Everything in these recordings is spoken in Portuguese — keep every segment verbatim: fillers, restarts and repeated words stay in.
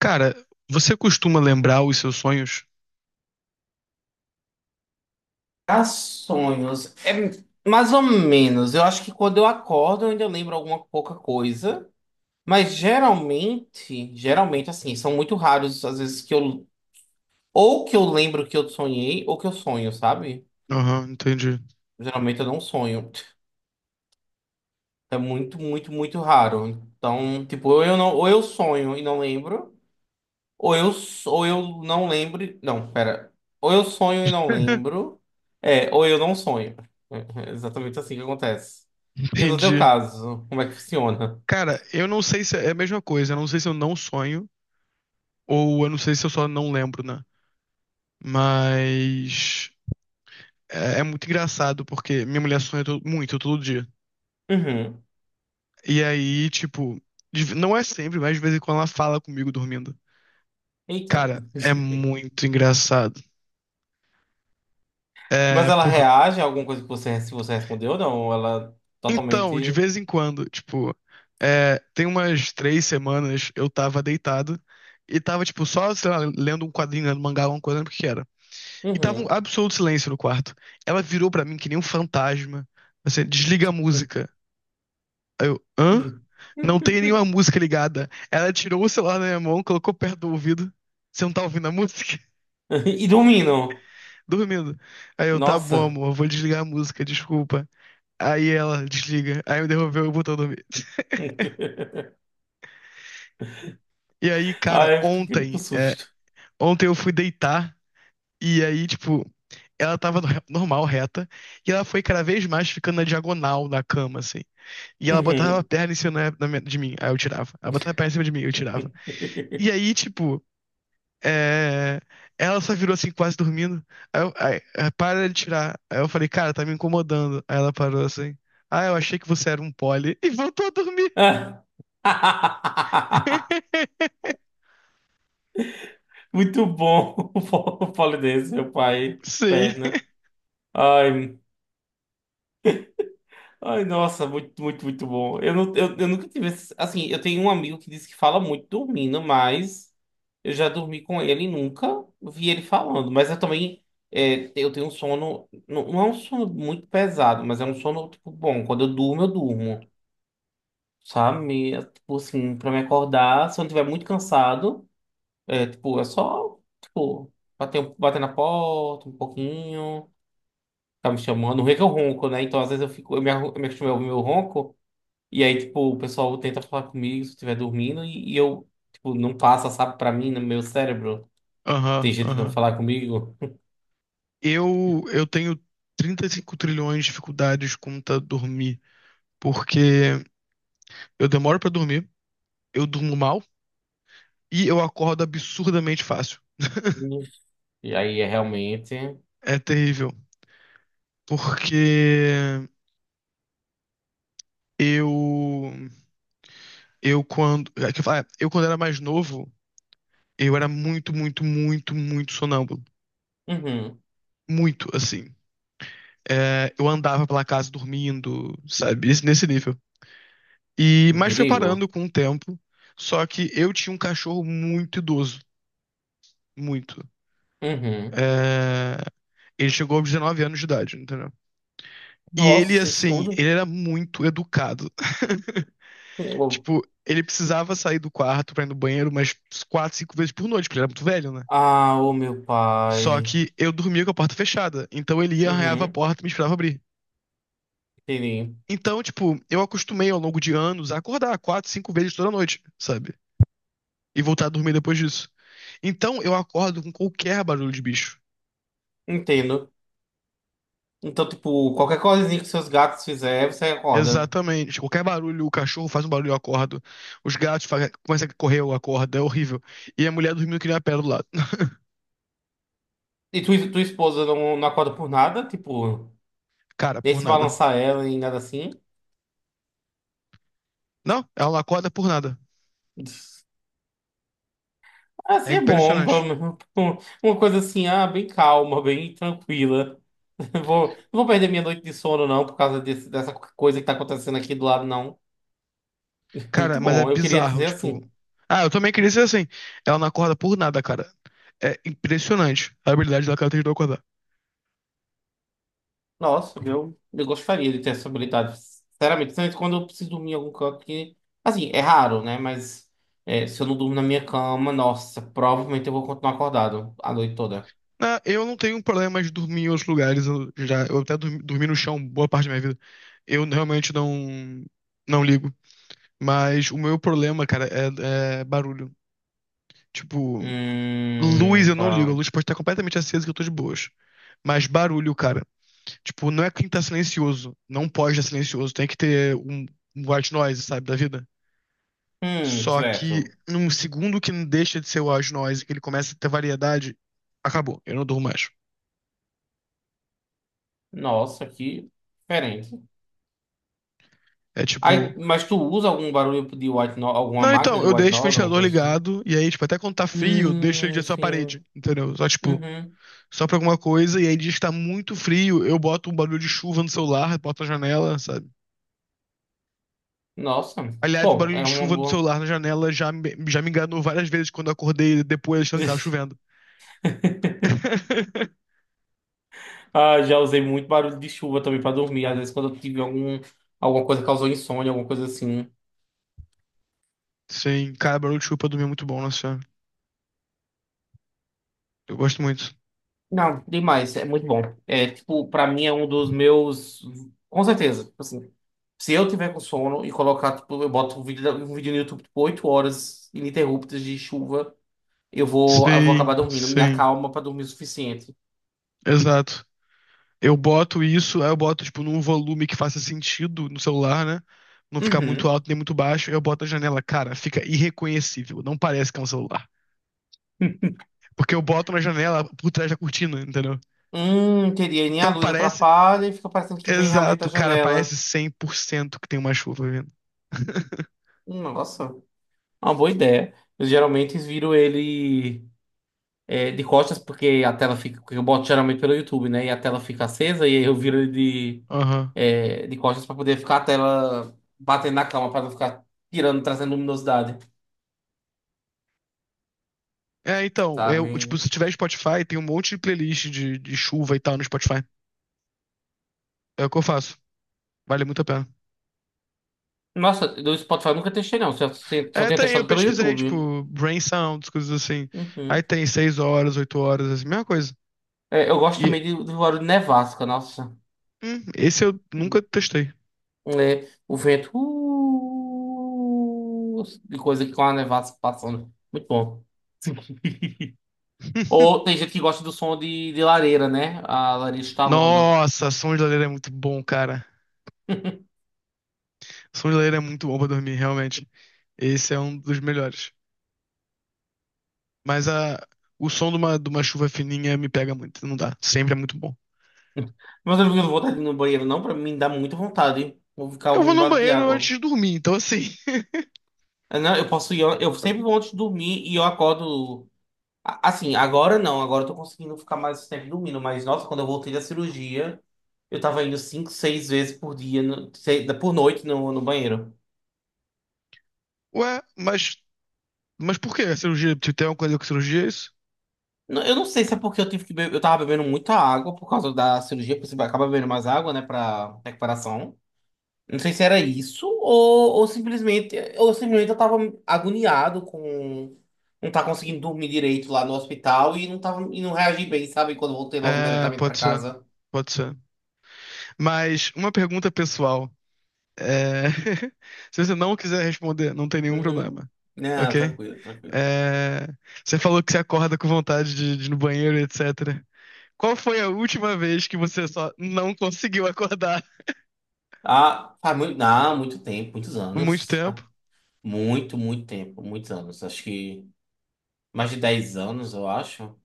Cara, você costuma lembrar os seus sonhos? Ah, sonhos. É mais ou menos. Eu acho que quando eu acordo, eu ainda lembro alguma pouca coisa. Mas geralmente, geralmente, assim, são muito raros às vezes que eu. Ou que eu lembro que eu sonhei, ou que eu sonho, sabe? Aham, entendi. Geralmente eu não sonho. É muito, muito, muito raro. Então, tipo, ou eu não, ou eu sonho e não lembro. Ou eu, s- ou eu não lembro. e- Não, pera. Ou eu sonho e não lembro. É, ou eu não sonho. É é exatamente assim que acontece. E no teu Entendi. caso, como é que funciona? Cara, eu não sei se é a mesma coisa. Eu não sei se eu não sonho ou eu não sei se eu só não lembro, né? Mas é, é muito engraçado porque minha mulher sonha to- muito todo dia. Uhum. E aí, tipo, de ve- não é sempre, mas de vez em quando ela fala comigo dormindo. Eita. Cara, é muito engraçado. É. Mas ela reage a alguma coisa que você, se você respondeu ou não? Ela Então, de totalmente. vez em quando, tipo, é, tem umas três semanas eu tava deitado e tava, tipo, só, sei lá, lendo um quadrinho, lendo mangá, alguma coisa, não lembro o que que era. E tava um Uhum. absoluto silêncio no quarto. Ela virou pra mim que nem um fantasma. Assim, desliga a música. Aí eu, hã? Não tem nenhuma música ligada. Ela tirou o celular da minha mão, colocou perto do ouvido. Você não tá ouvindo a música? E dormindo. Dormindo. Aí eu, tá bom, Nossa. amor, vou desligar a música, desculpa. Aí ela desliga. Aí me devolveu e botou a dormir. E aí, cara, Ai, eu fiquei com ontem, é, susto. ontem eu fui deitar e aí, tipo, ela tava no- normal, reta, e ela foi cada vez mais ficando na diagonal na cama, assim. E ela botava a Uhum. perna em cima na- na minha- de mim, aí eu tirava. Ela botava a perna em cima de mim, eu tirava. E aí, tipo, é, ela só virou assim, quase dormindo. Aí eu, aí, aí, para de tirar. Aí eu falei, cara, tá me incomodando. Aí ela parou assim. Ah, eu achei que você era um pole. E voltou a dormir. Ah. Muito bom o polonês, meu pai, Sim. perna. Ai, ai, nossa, muito, muito, muito bom. Eu, não, eu, eu nunca tive esse, assim, eu tenho um amigo que disse que fala muito dormindo, mas eu já dormi com ele e nunca vi ele falando. Mas eu também, é, eu tenho um sono, não, não é um sono muito pesado, mas é um sono, tipo, bom. Quando eu durmo, eu durmo, sabe? É, tipo assim, pra me acordar, se eu não estiver muito cansado, é, tipo, é só, tipo... Bater, um, bater na porta um pouquinho. Tá me chamando. O ronco é o ronco, né? Então, às vezes eu fico, eu me, arru- eu me acostumei a ouvir meu ronco, e aí, tipo, o pessoal tenta falar comigo se eu estiver dormindo, e, e eu, tipo, não passa, sabe, pra mim, no meu cérebro. Tem Aham, gente tentando aham. falar comigo. Eu, eu tenho trinta e cinco trilhões de dificuldades contra dormir, porque eu demoro pra dormir, eu durmo mal e eu acordo absurdamente fácil. E aí é realmente. É terrível, porque eu eu quando é que eu falo, é, eu quando era mais novo, eu era muito, muito, muito, muito sonâmbulo, Uhum. muito assim. É, eu andava pela casa dormindo, sabe, Esse- nesse nível. E Um mas foi perigo. parando com o tempo. Só que eu tinha um cachorro muito idoso, muito. Uhum. É, ele chegou aos dezenove anos de idade, entendeu? E ele, Nossa, isso assim, tudo. ele era muito educado. Oh. Tipo, ele precisava sair do quarto pra ir no banheiro umas quatro, cinco vezes por noite, porque ele era muito velho, né? Ah, o meu Só pai. que eu dormia com a porta fechada. Então ele ia, arranhava a Uhum. porta e me esperava abrir. Entendi. Então, tipo, eu acostumei ao longo de anos a acordar quatro, cinco vezes toda noite, sabe? E voltar a dormir depois disso. Então eu acordo com qualquer barulho de bicho. Entendo. Então, tipo, qualquer coisinha que seus gatos fizerem, você acorda. Exatamente. Qualquer barulho, o cachorro faz um barulho, eu acordo. Os gatos fa- começam a correr, eu acordo. É horrível. E a mulher dormindo que nem uma pedra do lado. E tu, tua esposa não, não acorda por nada? Tipo. Cara, Nem por se nada. balançar ela e nada assim. Não, ela não acorda por nada. É Assim é bom, pelo impressionante. menos uma coisa assim, ah, bem calma, bem tranquila. Vou, não vou perder minha noite de sono, não, por causa desse- dessa coisa que tá acontecendo aqui do lado, não. Muito Cara, mas é bom, eu queria bizarro, dizer tipo. assim. Ah, eu também queria ser assim. Ela não acorda por nada, cara. É impressionante a habilidade da cara de não acordar. Nossa, eu, eu gostaria de ter essa habilidade. Sinceramente, principalmente quando eu preciso dormir em algum canto que. Assim, é raro, né? Mas é, se eu não durmo na minha cama, nossa, provavelmente eu vou continuar acordado a noite toda. Ah, eu não tenho problema de dormir em outros lugares. Eu já, eu até dormi, dormi no chão boa parte da minha vida. Eu realmente não, não ligo. Mas o meu problema, cara, é, é barulho. Tipo, luz Hum, eu não ligo. A tá. luz pode estar completamente acesa que eu tô de boas. Mas barulho, cara. Tipo, não é que tá silencioso. Não pode estar silencioso. Tem que ter um, um white noise, sabe, da vida. Hum, Só que certo. num segundo que não deixa de ser o white noise, que ele começa a ter variedade, acabou. Eu não durmo mais. Nossa, que diferente. É tipo. Aí, mas tu usa algum barulho de white noise, alguma Não, máquina então, de eu white deixo o noise, alguma ventilador coisa assim? ligado, e aí, tipo, até quando tá frio, eu deixo ele Hum, direto na sim. parede, entendeu? Só, tipo, Uhum. só pra alguma coisa, e aí diz que tá muito frio, eu boto um barulho de chuva no celular, boto na janela, sabe? Nossa. Aliás, o Bom, barulho é de uma chuva do boa. celular na janela já me, já me enganou várias vezes quando eu acordei depois achando que tava chovendo. Ah, já usei muito barulho de chuva também pra dormir. Às vezes quando eu tive algum, alguma coisa que causou insônia, alguma coisa assim. Sim, cara, barulho de chuva pra dormir é muito bom, nossa senhora. Eu gosto muito. Não, demais. É muito bom. É, tipo, pra mim é um dos meus... Com certeza. Tipo assim, se eu tiver com sono e colocar, tipo, eu boto um vídeo, um vídeo no YouTube, tipo, oito horas ininterruptas de chuva... Eu vou, eu vou acabar Sim, dormindo. Me sim, acalma pra dormir o suficiente. exato. Eu boto isso, aí eu boto, tipo, num volume que faça sentido no celular, né? Não ficar muito Uhum. alto nem muito baixo. Eu boto na janela, cara, fica irreconhecível. Não parece que é um celular. Porque eu boto na janela por trás da cortina, entendeu? Hum, teria nem Então a luz parece. atrapalha e fica parecendo que vem realmente da Exato, cara, janela. parece cem por cento que tem uma chuva vindo. Hum, Nossa, uma boa ideia. Eu geralmente viro ele é, de costas, porque a tela fica. Eu boto geralmente pelo YouTube, né? E a tela fica acesa, e aí eu viro ele de, Aham. é, de costas pra poder ficar a tela batendo na cama, pra não ficar tirando, trazendo luminosidade, É, então, eu, tipo, sabe? se tiver Spotify, tem um monte de playlist de, de chuva e tal no Spotify. É o que eu faço. Vale muito a pena. Nossa, do Spotify eu nunca testei, não. Só, só É, tenho tem, eu testado pelo pesquisei, YouTube. tipo, brain sounds, coisas assim. Aí Uhum. tem seis horas, oito horas, assim, mesma coisa. É, eu gosto E também de- do barulho de nevasca, nossa. hum, esse eu nunca testei. É, o vento. uh, de coisa que com a nevasca passando. Muito bom. Ou tem gente que gosta do som de, de lareira, né? A lareira estalando. Nossa, som de lareira é muito bom, cara. Som de lareira é muito bom pra dormir, realmente. Esse é um dos melhores. Mas a, o som de uma, de uma chuva fininha me pega muito, não dá. Sempre é muito bom. Mas eu não tenho vontade de ir no banheiro, não. Pra mim dá muita vontade. Vou ficar Eu vou ouvindo no barulho de banheiro antes água. de dormir, então assim. Eu, não, eu posso ir. Eu sempre vou antes de dormir e eu acordo. a- Assim, agora não. Agora eu tô conseguindo ficar mais tempo dormindo. Mas, nossa, quando eu voltei da cirurgia. Eu tava indo cinco, seis vezes por dia, no- seis- por noite no, no banheiro. Ué, mas, mas por que a cirurgia? Tu tem alguma coisa com cirurgia, é isso? Não- Eu não sei se é porque eu tive que beber, eu tava bebendo muita água por causa da cirurgia, porque você acaba bebendo mais água, né, pra recuperação. Não sei se era isso ou, ou simplesmente, ou simplesmente eu tava agoniado com não tá conseguindo dormir direito lá no hospital e não tava e não reagi bem, sabe? Quando eu voltei logo É, imediatamente pra pode ser. casa. Pode ser. Mas uma pergunta pessoal. É, se você não quiser responder, não tem nenhum Uhum. problema. Não, Ok? tranquilo, tranquilo. É, você falou que você acorda com vontade de, de ir no banheiro, etcétera. Qual foi a última vez que você só não conseguiu acordar Ah, faz muito, não, muito tempo, muitos por muito anos. tempo? Muito, muito tempo, muitos anos. Acho que mais de dez anos, eu acho.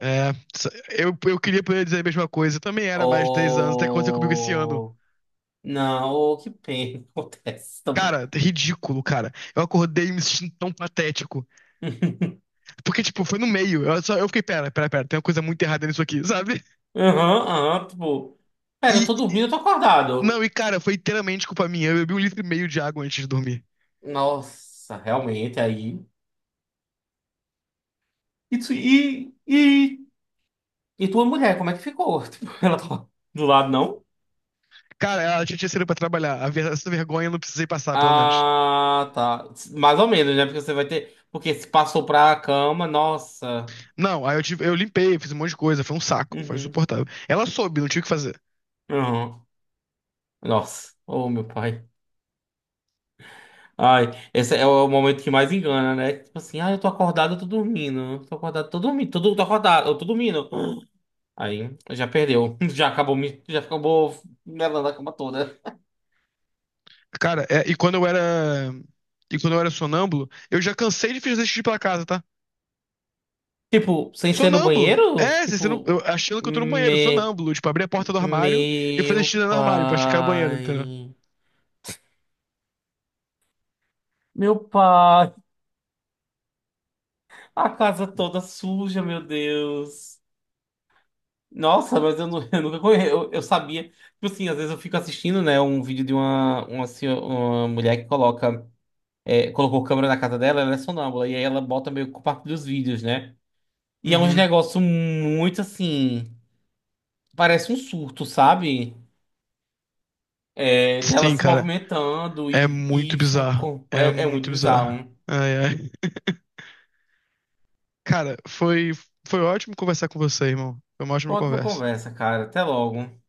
É, só- Eu, eu queria poder dizer a mesma coisa. Eu também era mais de dez anos, até aconteceu comigo esse ano. Ou. Não, ou que pena acontece também. Cara, ridículo, cara. Eu acordei me sentindo tão patético. Porque, tipo, foi no meio. Eu, só, eu fiquei, pera, pera, pera, tem uma coisa muito errada nisso aqui, sabe? Aham, aham, tipo. Pera, eu E, tô dormindo, eu tô Não, acordado. e cara, foi inteiramente culpa minha. Eu bebi um litro e meio de água antes de dormir. Nossa, realmente, aí. E, tu- e, e, e tua mulher, como é que ficou? Tipo, ela tá do lado, não? Cara, ela já tinha saído pra trabalhar. A ver- Essa vergonha eu não precisei passar, pelo menos. Ah, tá. Mais ou menos, né? Porque você vai ter. Porque se passou pra cama, nossa. Não, aí eu, tive, eu limpei, fiz um monte de coisa. Foi um saco, foi Uhum. insuportável. Ela soube, não tinha o que fazer. Uhum. Nossa. Oh, meu pai. Ai, esse é o momento que mais engana, né? Tipo assim, ah, eu tô acordado, eu tô dormindo. Tô acordado, tô dormindo. Tô, tô acordado, eu tô dormindo. Aí, já perdeu. Já acabou, me- já acabou melando a cama toda. Cara, é, e quando eu era. E quando eu era sonâmbulo, eu já cansei de fazer xixi pela casa, tá? Tipo, sem ser no Sonâmbulo. banheiro? É, você não, eu, Tipo, achando que eu tô no banheiro, me, sonâmbulo. Tipo, abrir a porta do armário e fazer xixi meu no armário pra checar o banheiro, entendeu? pai. Meu pai. A casa toda suja, meu Deus. Nossa, mas eu, nu- eu nunca conhe- Eu, eu sabia. Tipo assim, às vezes eu fico assistindo, né, um vídeo de uma, uma, senho- uma mulher que coloca. É, colocou câmera na casa dela, ela é sonâmbula. E aí ela bota meio que parte dos vídeos, né? E é um Uhum. negócio muito assim. Parece um surto, sabe? É, dela Sim, se cara. movimentando É e, muito e fa- bizarro. com- É é, é muito muito bizarro. bizarro. Ai, ai. Cara, foi, foi ótimo conversar com você, irmão. Foi uma ótima Ótima conversa. conversa, cara. Até logo.